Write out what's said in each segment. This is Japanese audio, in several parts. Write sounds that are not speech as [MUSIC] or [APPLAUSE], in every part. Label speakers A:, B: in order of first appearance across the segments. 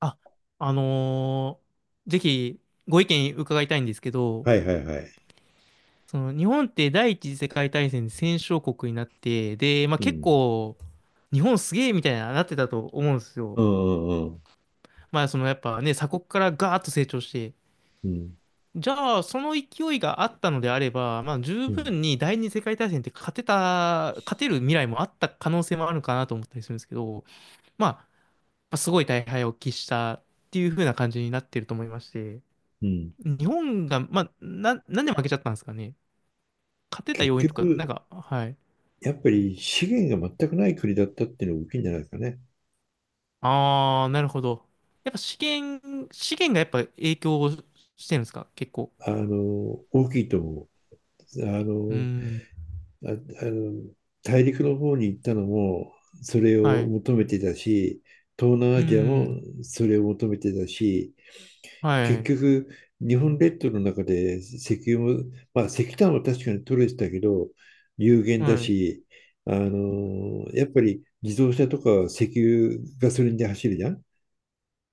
A: あ、あのーぜひご意見伺いたいんですけど、
B: はいはいはい。
A: その日本って第一次世界大戦で戦勝国になって、で、まあ、
B: う
A: 結
B: ん。
A: 構、日本すげえみたいななってたと思うんですよ。
B: うんうん
A: まあ、そのやっぱね、鎖国からガーッと成長して、
B: うん。
A: じゃあ、その勢いがあったのであれば、まあ、十
B: うん。
A: 分に第二次世界大戦って勝てる未来もあった可能性もあるのかなと思ったりするんですけど、まあ、やっぱすごい大敗を喫したっていう風な感じになってると思いまして。
B: うん。
A: 日本が、まあ、なんで負けちゃったんですかね。勝てた
B: 結
A: 要因とか、なん
B: 局、
A: か、はい。
B: やっぱり資源が全くない国だったっていうのが大きいんじゃないですかね。
A: あー、なるほど。やっぱ資源がやっぱ影響をしてるんですか、結構。
B: あの、大きいと思う。
A: うーん。
B: あ、あの、大陸の方に行ったのも、それ
A: は
B: を
A: い。う
B: 求めてたし、東南
A: ー
B: アジアも
A: ん。
B: それを求めてたし、
A: は
B: 結
A: い。
B: 局、日本列島の中で石油も、まあ、石炭は確かに取れてたけど、有限
A: は
B: だ
A: い。う
B: し、やっぱり自動車とか石油、ガソリンで走るじゃん。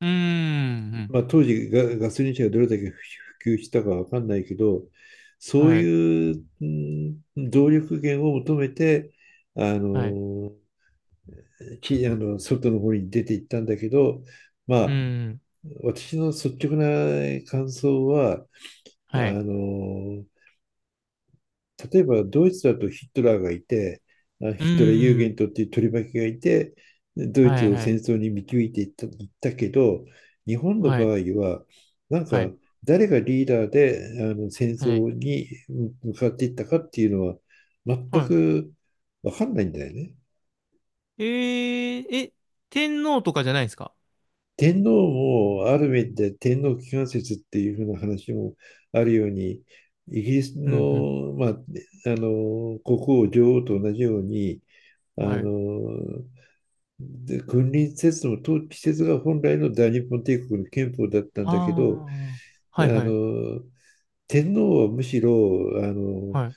A: ーん。
B: まあ、当時ガソリン車がどれだけ普及したかわかんないけど、そう
A: はい。
B: いう、うん、動力源を求めて、あ
A: はい。
B: のーきあの外の方に出ていったんだけど、ま
A: う
B: あ、
A: ーん。
B: 私の率直な感想は、あ
A: はい。
B: のー例えばドイツだとヒトラーがいて、
A: う
B: ヒトラー・ユー
A: ー
B: ゲン
A: ん。
B: トっていう取り巻きがいて、ドイ
A: は
B: ツ
A: い。
B: を
A: は
B: 戦
A: い。
B: 争に導いていった、いったけど、日本の
A: は
B: 場合
A: い。
B: は、なん
A: は
B: か
A: い。
B: 誰がリーダーであの戦
A: はい。
B: 争に向かっていったかっていうのは全
A: は
B: く分かんないんだよね。
A: い。ー、え、天皇とかじゃないですか？
B: 天皇もある面で天皇機関説っていうふうな話もあるようにイギリス
A: うん。うん。
B: の、まあ、国王女王と同じようにあ
A: はい。
B: の、で君臨説の統治説が本来の大日本帝国の憲法だったんだけど、
A: あー。
B: あ
A: はい。はい。
B: の、天皇はむしろ、
A: はい。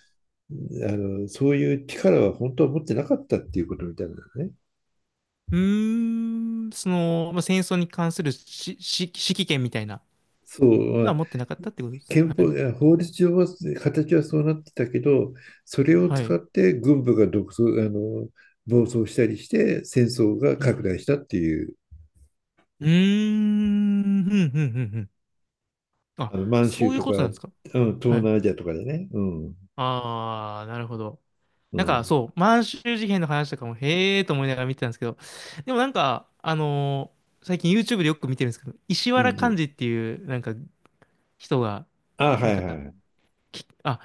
B: あそういう力は本当は持ってなかったっていうことみたいなね。
A: うーん、その、まあ、戦争に関する指揮権みたいな
B: そう、ま
A: のは
B: あ
A: 持ってなかったってことですか。
B: 憲
A: は
B: 法、
A: い。
B: 法律上は形はそうなってたけど、それを
A: は
B: 使っ
A: い。
B: て軍部が独走、暴走したりして戦争が
A: う
B: 拡
A: ん。
B: 大したっていう、
A: うーん、ふんふんふんふん。あ、
B: あの満
A: そ
B: 州
A: ういう
B: とか、
A: こと
B: う
A: なんで
B: ん、
A: すか。
B: 東
A: はい。
B: 南アジアとかでね。うん、
A: ああ、なるほど。
B: う
A: なんか、
B: ん
A: そう、満州事変の話とかも、へえーと思いながら見てたんですけど、でもなんか、最近 YouTube でよく見てるんですけど、石
B: うんう
A: 原幹
B: ん。
A: 二っていう、なんか、人が、
B: あ、
A: な
B: は
A: ん
B: いは
A: か、
B: いはい。
A: きあ、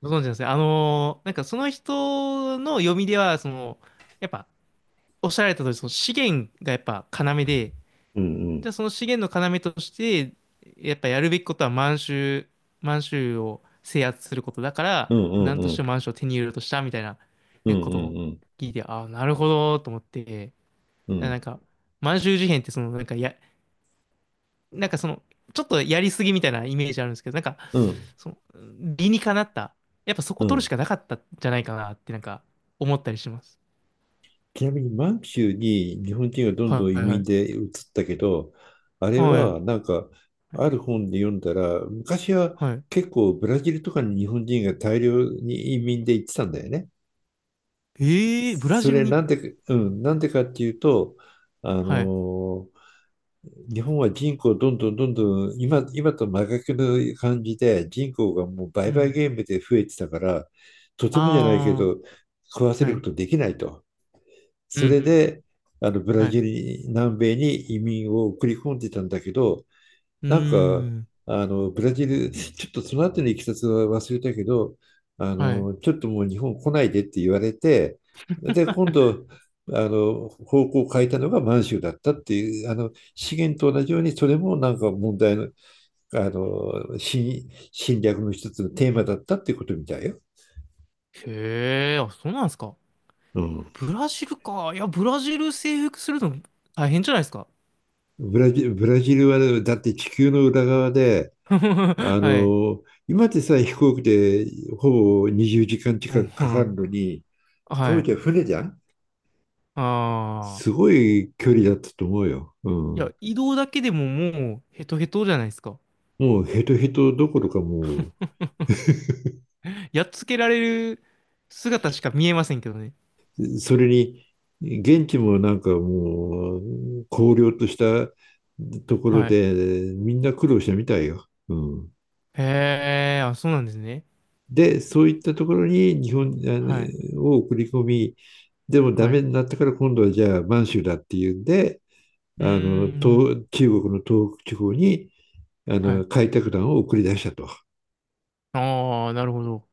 A: ご存知なんですね。なんかその人の読みでは、その、やっぱ、おっしゃられた通り、その資源がやっぱ要で、
B: うんう
A: じゃあ
B: ん。
A: その資源の要として、やっぱやるべきことは満州を制圧することだか
B: う
A: ら、
B: んうん
A: 何と
B: う
A: して
B: ん
A: も満州を手に入れようとしたみたいな、
B: うん
A: ね、こ
B: う
A: とを
B: んうん
A: 聞いて、ああ、なるほど、と思って、
B: う
A: なん
B: ん
A: か、満州事変ってその、なんかや、なんかその、ちょっとやりすぎみたいなイメージあるんですけど、なんか、
B: うん。
A: その、理にかなった、やっぱそこ取るしかなかったんじゃないかなってなんか思ったりします。
B: ちなみに満州に日本人がどんど
A: は
B: ん移
A: いはいは
B: 民
A: い。
B: で移ったけど、あれ
A: はい。
B: はなんかある本で読んだら、昔は
A: はい。
B: 結構ブラジルとかに日本人が大量に移民で行ってたんだよね。
A: ええー、ブラ
B: そ
A: ジル
B: れ
A: に。
B: なんでか、うん、なんでかっていうと、あ
A: はい。
B: の日本は人口どんどんどんどん今と真逆の感じで人口がもう
A: う
B: 売買
A: ん。
B: ゲームで増えてたからとてもじゃないけ
A: あ
B: ど食わせ
A: あ、は
B: るこ
A: い。
B: とできないと。
A: うん
B: そ
A: う
B: れ
A: ん。
B: でブラ
A: はい。
B: ジルに南米に移民を送り込んでたんだけど
A: う
B: なんか、
A: ーん。
B: ブラジル、[LAUGHS] ちょっとその後のいきさつは忘れたけど、
A: はい。
B: ちょっともう日本来ないでって言われて、で、今度、方向を変えたのが満州だったっていう、資源と同じように、それもなんか問題の、侵略の一つのテーマだったっていうことみたいよ。
A: へえ、あ、そうなんですか。
B: うん。
A: ブラジルか。いや、ブラジル征服するの大変じゃないですか。
B: ブラジルは、だって地球の裏側で、あ
A: [LAUGHS] はい。
B: の、今でさえ飛行機でほぼ20時間近
A: うん、
B: く
A: う
B: かか
A: ん。
B: るのに、当
A: はい。
B: 時は船じゃん。
A: あ
B: す
A: あ。
B: ごい距離だったと思うよ。う
A: いや、
B: ん。
A: 移動だけでももうヘトヘトじゃないですか。
B: もうヘトヘトどころかも
A: やっつけられる姿しか見えませんけどね。
B: う、それに、現地もなんかもう、荒涼としたところ
A: はい。
B: で、みんな苦労したみたいよ。うん。
A: へえ、あ、そうなんですね。
B: で、そういったところに日本
A: はい。
B: を送り込み、でもダ
A: はい。
B: メ
A: う
B: になったから今度はじゃあ満州だっていうんで、
A: ーん。
B: 東中国の東北地方に、
A: はい。
B: 開拓団を送り出したと。
A: ああ、なるほど。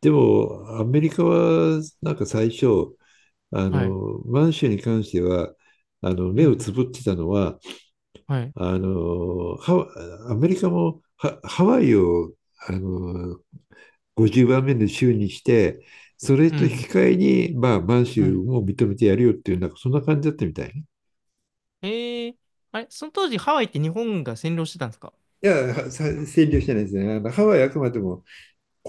B: でも、アメリカは、なんか最初、
A: はい。
B: 満州に関しては、
A: う
B: 目をつ
A: ん。
B: ぶってたのは、
A: はい。
B: あの、ハアメリカもハワイを、あの、50番目の州にして、それ
A: う
B: と引き
A: ん。
B: 換えに、まあ、満
A: は
B: 州
A: い。
B: も認めてやるよっていう、なんかそんな感じだったみたいね。
A: ええ、あれ、その当時ハワイって日本が占領してたんですか？
B: いや、占領してないですね。あのハワイはあくまでも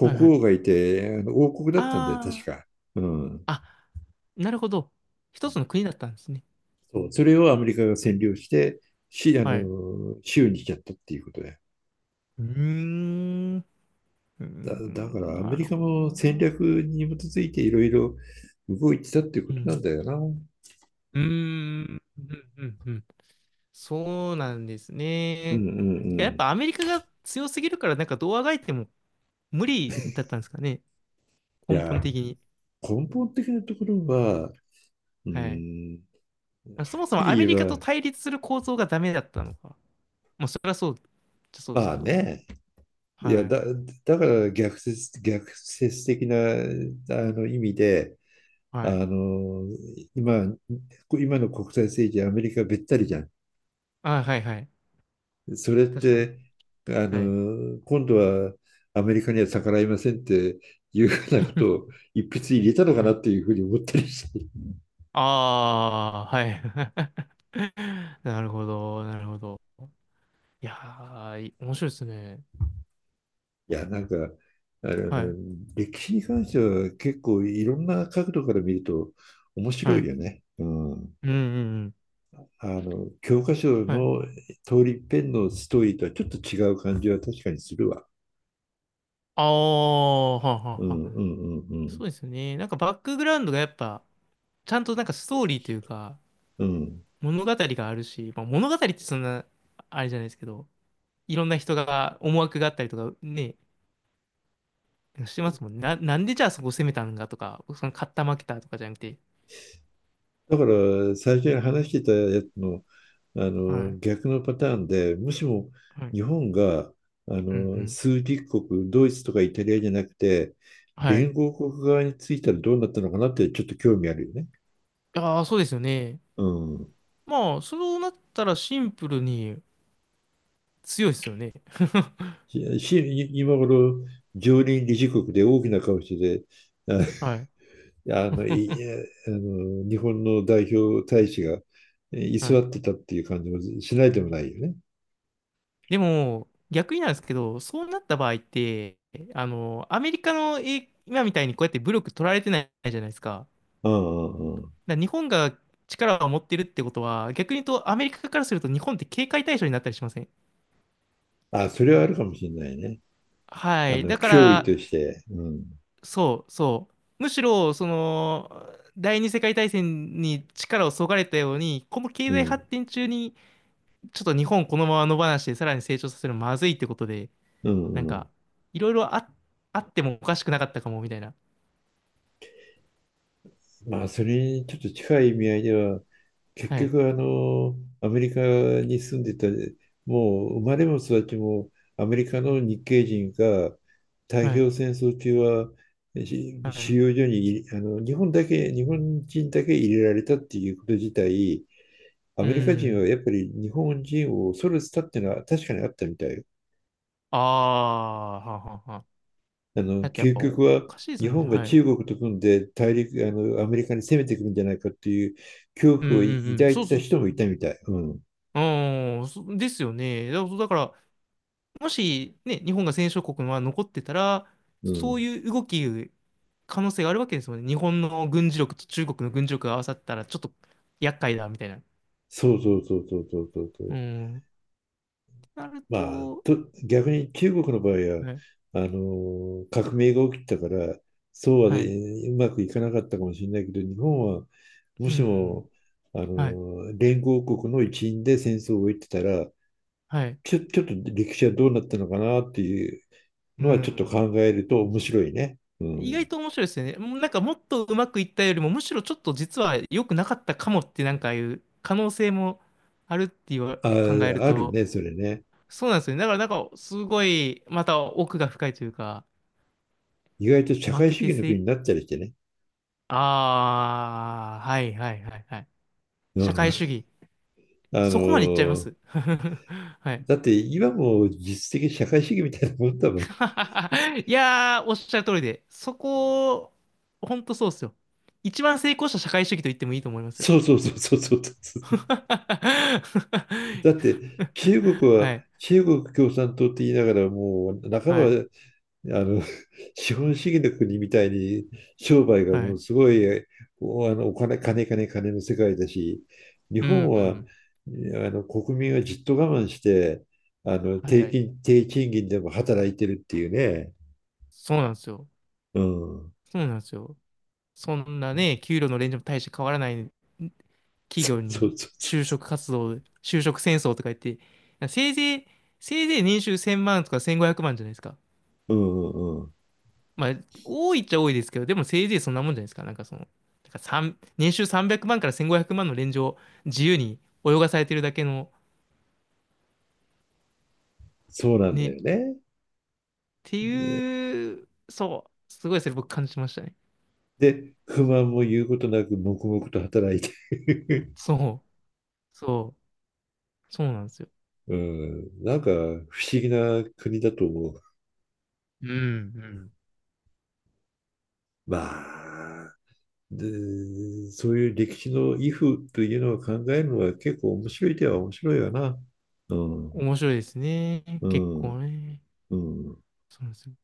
A: はいはい。
B: 王がいて、王国だったんだよ、確
A: あ
B: か。うん。
A: あ、なるほど。一つの国だったんですね。
B: そう。それをアメリカが占領して、し、あ
A: はい。う
B: の、州にしちゃったっていうことで。
A: ーん。うー
B: だか
A: ん、
B: らア
A: な
B: メリ
A: る
B: カ
A: ほど
B: も戦
A: な。
B: 略に基づいていろいろ動いてたっていう
A: う
B: ことなん
A: ん。
B: だよな。うん
A: うーん、うんうん、そうなんです
B: うん
A: ね。
B: う
A: てか、やっ
B: ん。
A: ぱアメリカが強すぎるから、なんかどうあがいても無理だったんですかね。
B: い
A: 根本
B: や、
A: 的に。
B: 根本的なところは、うー
A: はい。
B: ん、は
A: そ
B: っ
A: もそ
B: き
A: も
B: り
A: アメ
B: 言
A: リカ
B: え
A: と
B: ば、
A: 対立する構造がダメだったのか。まあ、それはそう、そうです
B: ま
A: け
B: あ
A: ど。
B: ね、いや
A: はい。
B: だ、だから逆説的な意味で、あ
A: はい。
B: の、今、今の国際政治、アメリカべったりじゃん。
A: あ、はいはい。
B: それっ
A: 確かに。
B: て、
A: はい。
B: 今度はアメリカには逆らいませんっていうふうなこと
A: [LAUGHS]
B: を一筆入れたのか
A: は
B: な
A: い。
B: っていうふうに思ったりして。い
A: ああ、はい。[LAUGHS] なるほど、なるほど。いやー、面白いですね。
B: や、なんか、あ
A: はい。
B: の、歴史に関しては結構いろんな角度から見ると面
A: は
B: 白い
A: い。
B: よね。うん。
A: うんうんうん。
B: 教科書
A: はい。
B: の通り一遍のストーリーとはちょっと違う感じは確かにするわ。
A: ああ、はあは
B: うんう
A: あはあ。
B: んうん
A: そうですね。なんかバックグラウンドがやっぱ、ちゃんとなんかストーリーというか、
B: うん。うん。
A: 物語があるし、まあ、物語ってそんな、あれじゃないですけど、いろんな人が思惑があったりとかね、してますもんね。なんでじゃあそこ攻めたんだとか、その勝った負けたとかじゃなくて。
B: だから最初に話してたやつの、あ
A: は
B: の
A: い。
B: 逆のパターンで、もしも
A: はい。
B: 日本があ
A: うんう
B: の
A: ん。
B: 枢軸国、ドイツとかイタリアじゃなくて、
A: はい。
B: 連合国側についたらどうなったのかなってちょっと興味あるよね。
A: ああ、そうですよね。
B: うん。
A: まあ、そうなったらシンプルに強いですよね。
B: し今頃、常任理事国で大きな顔してて、
A: はい。
B: ああのい
A: [LAUGHS]
B: あの日本の代表大使が居
A: は
B: 座
A: い。
B: ってたっていう感じもしないでもないよね。
A: でも、逆になんですけど、そうなった場合って、アメリカの今みたいにこうやって武力取られてないじゃないですか。
B: うんうんうん。
A: だから日本が力を持ってるってことは、逆に言うとアメリカからすると日本って警戒対象になったりしません？
B: あ、それはあるかもしれないね。
A: はい。だか
B: 脅威
A: ら、
B: として、うん、
A: そうそう。むしろ、その、第二次世界大戦に力をそがれたように、この経
B: う
A: 済発
B: ん、
A: 展中に、ちょっと日本このまま野放しでさらに成長させるのまずいってことで、
B: う
A: なん
B: ん、う
A: か、
B: ん。
A: いろいろあ、あってもおかしくなかったかもみたいな。
B: まあ、それにちょっと近い意味合いでは、結
A: はい、
B: 局、アメリカに住んでた、もう生まれも育ちもアメリカの日系人が太
A: は
B: 平
A: い、
B: 洋戦争中は
A: はい。
B: 収容所にいあの日本だけ、日本人だけ入れられたっていうこと自体、ア
A: う
B: メリカ人
A: ん。
B: はやっぱり日本人を恐れてたっていうのは確かにあったみたいよ。
A: ああ、はんはんはあ。だってやっ
B: 究
A: ぱ
B: 極
A: お
B: は
A: かしいです
B: 日
A: もんね。
B: 本が
A: はい。
B: 中国と組んで大陸、アメリカに攻めてくるんじゃないかっていう恐
A: うん
B: 怖を
A: うんうん。
B: 抱い
A: そう
B: てた
A: そう
B: 人
A: そ
B: もいたみたい。うん、
A: う。うん、そですよね。だから、もしね、日本が戦勝国は残ってたら、
B: う
A: そ
B: ん、
A: ういう動き、可能性があるわけですもんね。日本の軍事力と中国の軍事力が合わさったら、ちょっと厄介だ、みたいな。
B: そうそうそうそうそうそうそ
A: う
B: う。
A: ん。ってなる
B: まあ、
A: と、
B: 逆に中国の場合は
A: はい、
B: あの革命が起きたからそう
A: は
B: は、
A: い、
B: うまくいかなかったかもしれないけど日本はも
A: う
B: し
A: ん、
B: もあ
A: はい、
B: の連合国の一員で戦争を終えてたら
A: はい、
B: ちょっと歴史はどうなったのかなっていう
A: う
B: のはちょっと考
A: ん。
B: えると面白いね。う
A: 意外
B: ん。
A: と面白いですよね。もうなんかもっとうまくいったよりも、むしろちょっと実は良くなかったかもってなんかいう可能性もあるっていう
B: あ、
A: 考える
B: ある
A: と、
B: ね、それね。
A: そうなんですよね。だからなんかすごい、また奥が深いというか、
B: 意外と社
A: 負
B: 会
A: け
B: 主
A: て
B: 義の国
A: せ、
B: になったりしてね。
A: ああ、はいはいはいはい。
B: う
A: 社
B: ん。
A: 会主義。
B: の
A: そこまでいっちゃいま
B: ー
A: す。[LAUGHS] はい。
B: だって今も実質的社会主義みたいなもんだもん。
A: [LAUGHS] いやー、おっしゃる通りで、そこ、ほんとそうっすよ。一番成功した社会主義と言ってもいいと思いますよ。
B: そうそうそうそうそう。
A: [LAUGHS]
B: だって中国
A: は
B: は
A: い、
B: 中国共産党って言いながらもう半ば
A: はい、
B: あの、[LAUGHS] 資本主義の国みたいに商売が
A: は
B: も
A: い。
B: うすごい、お、あの、お金、金、金、金の世界だし、日
A: う
B: 本
A: ん、う
B: は、
A: ん、
B: 国民はじっと我慢して、
A: はい。
B: 低賃金でも働いてるっていうね。
A: そうなんですよ。
B: うん。
A: そうなんですよ。そんなね、給料のレンジも大して変わらない
B: [LAUGHS]
A: 企
B: そ
A: 業
B: うそ
A: に
B: うそう
A: 就
B: そ
A: 職活動、就職戦争とか言って、せいぜい、せいぜい年収1000万とか1500万じゃないですか。
B: う。うんうんうん。
A: まあ、多いっちゃ多いですけど、でもせいぜいそんなもんじゃないですか。なんかその、だから年収300万から1500万のレンジを自由に泳がされてるだけの
B: そうなんだ
A: ね、
B: よね。
A: ていう、そう、すごいそれ僕感じましたね。
B: で、不満も言うことなく黙々と働いて。
A: そう、そう、そうなんですよ。
B: [LAUGHS] うん。なんか不思議な国だと思う。
A: うん、うん。
B: まあ。で、そういう歴史の癒風というのを考えるのは結構面白い、手は面白いわな。うん、
A: 面白いですね。
B: う
A: 結
B: ん、
A: 構ね。
B: うん。
A: そうなんですよ。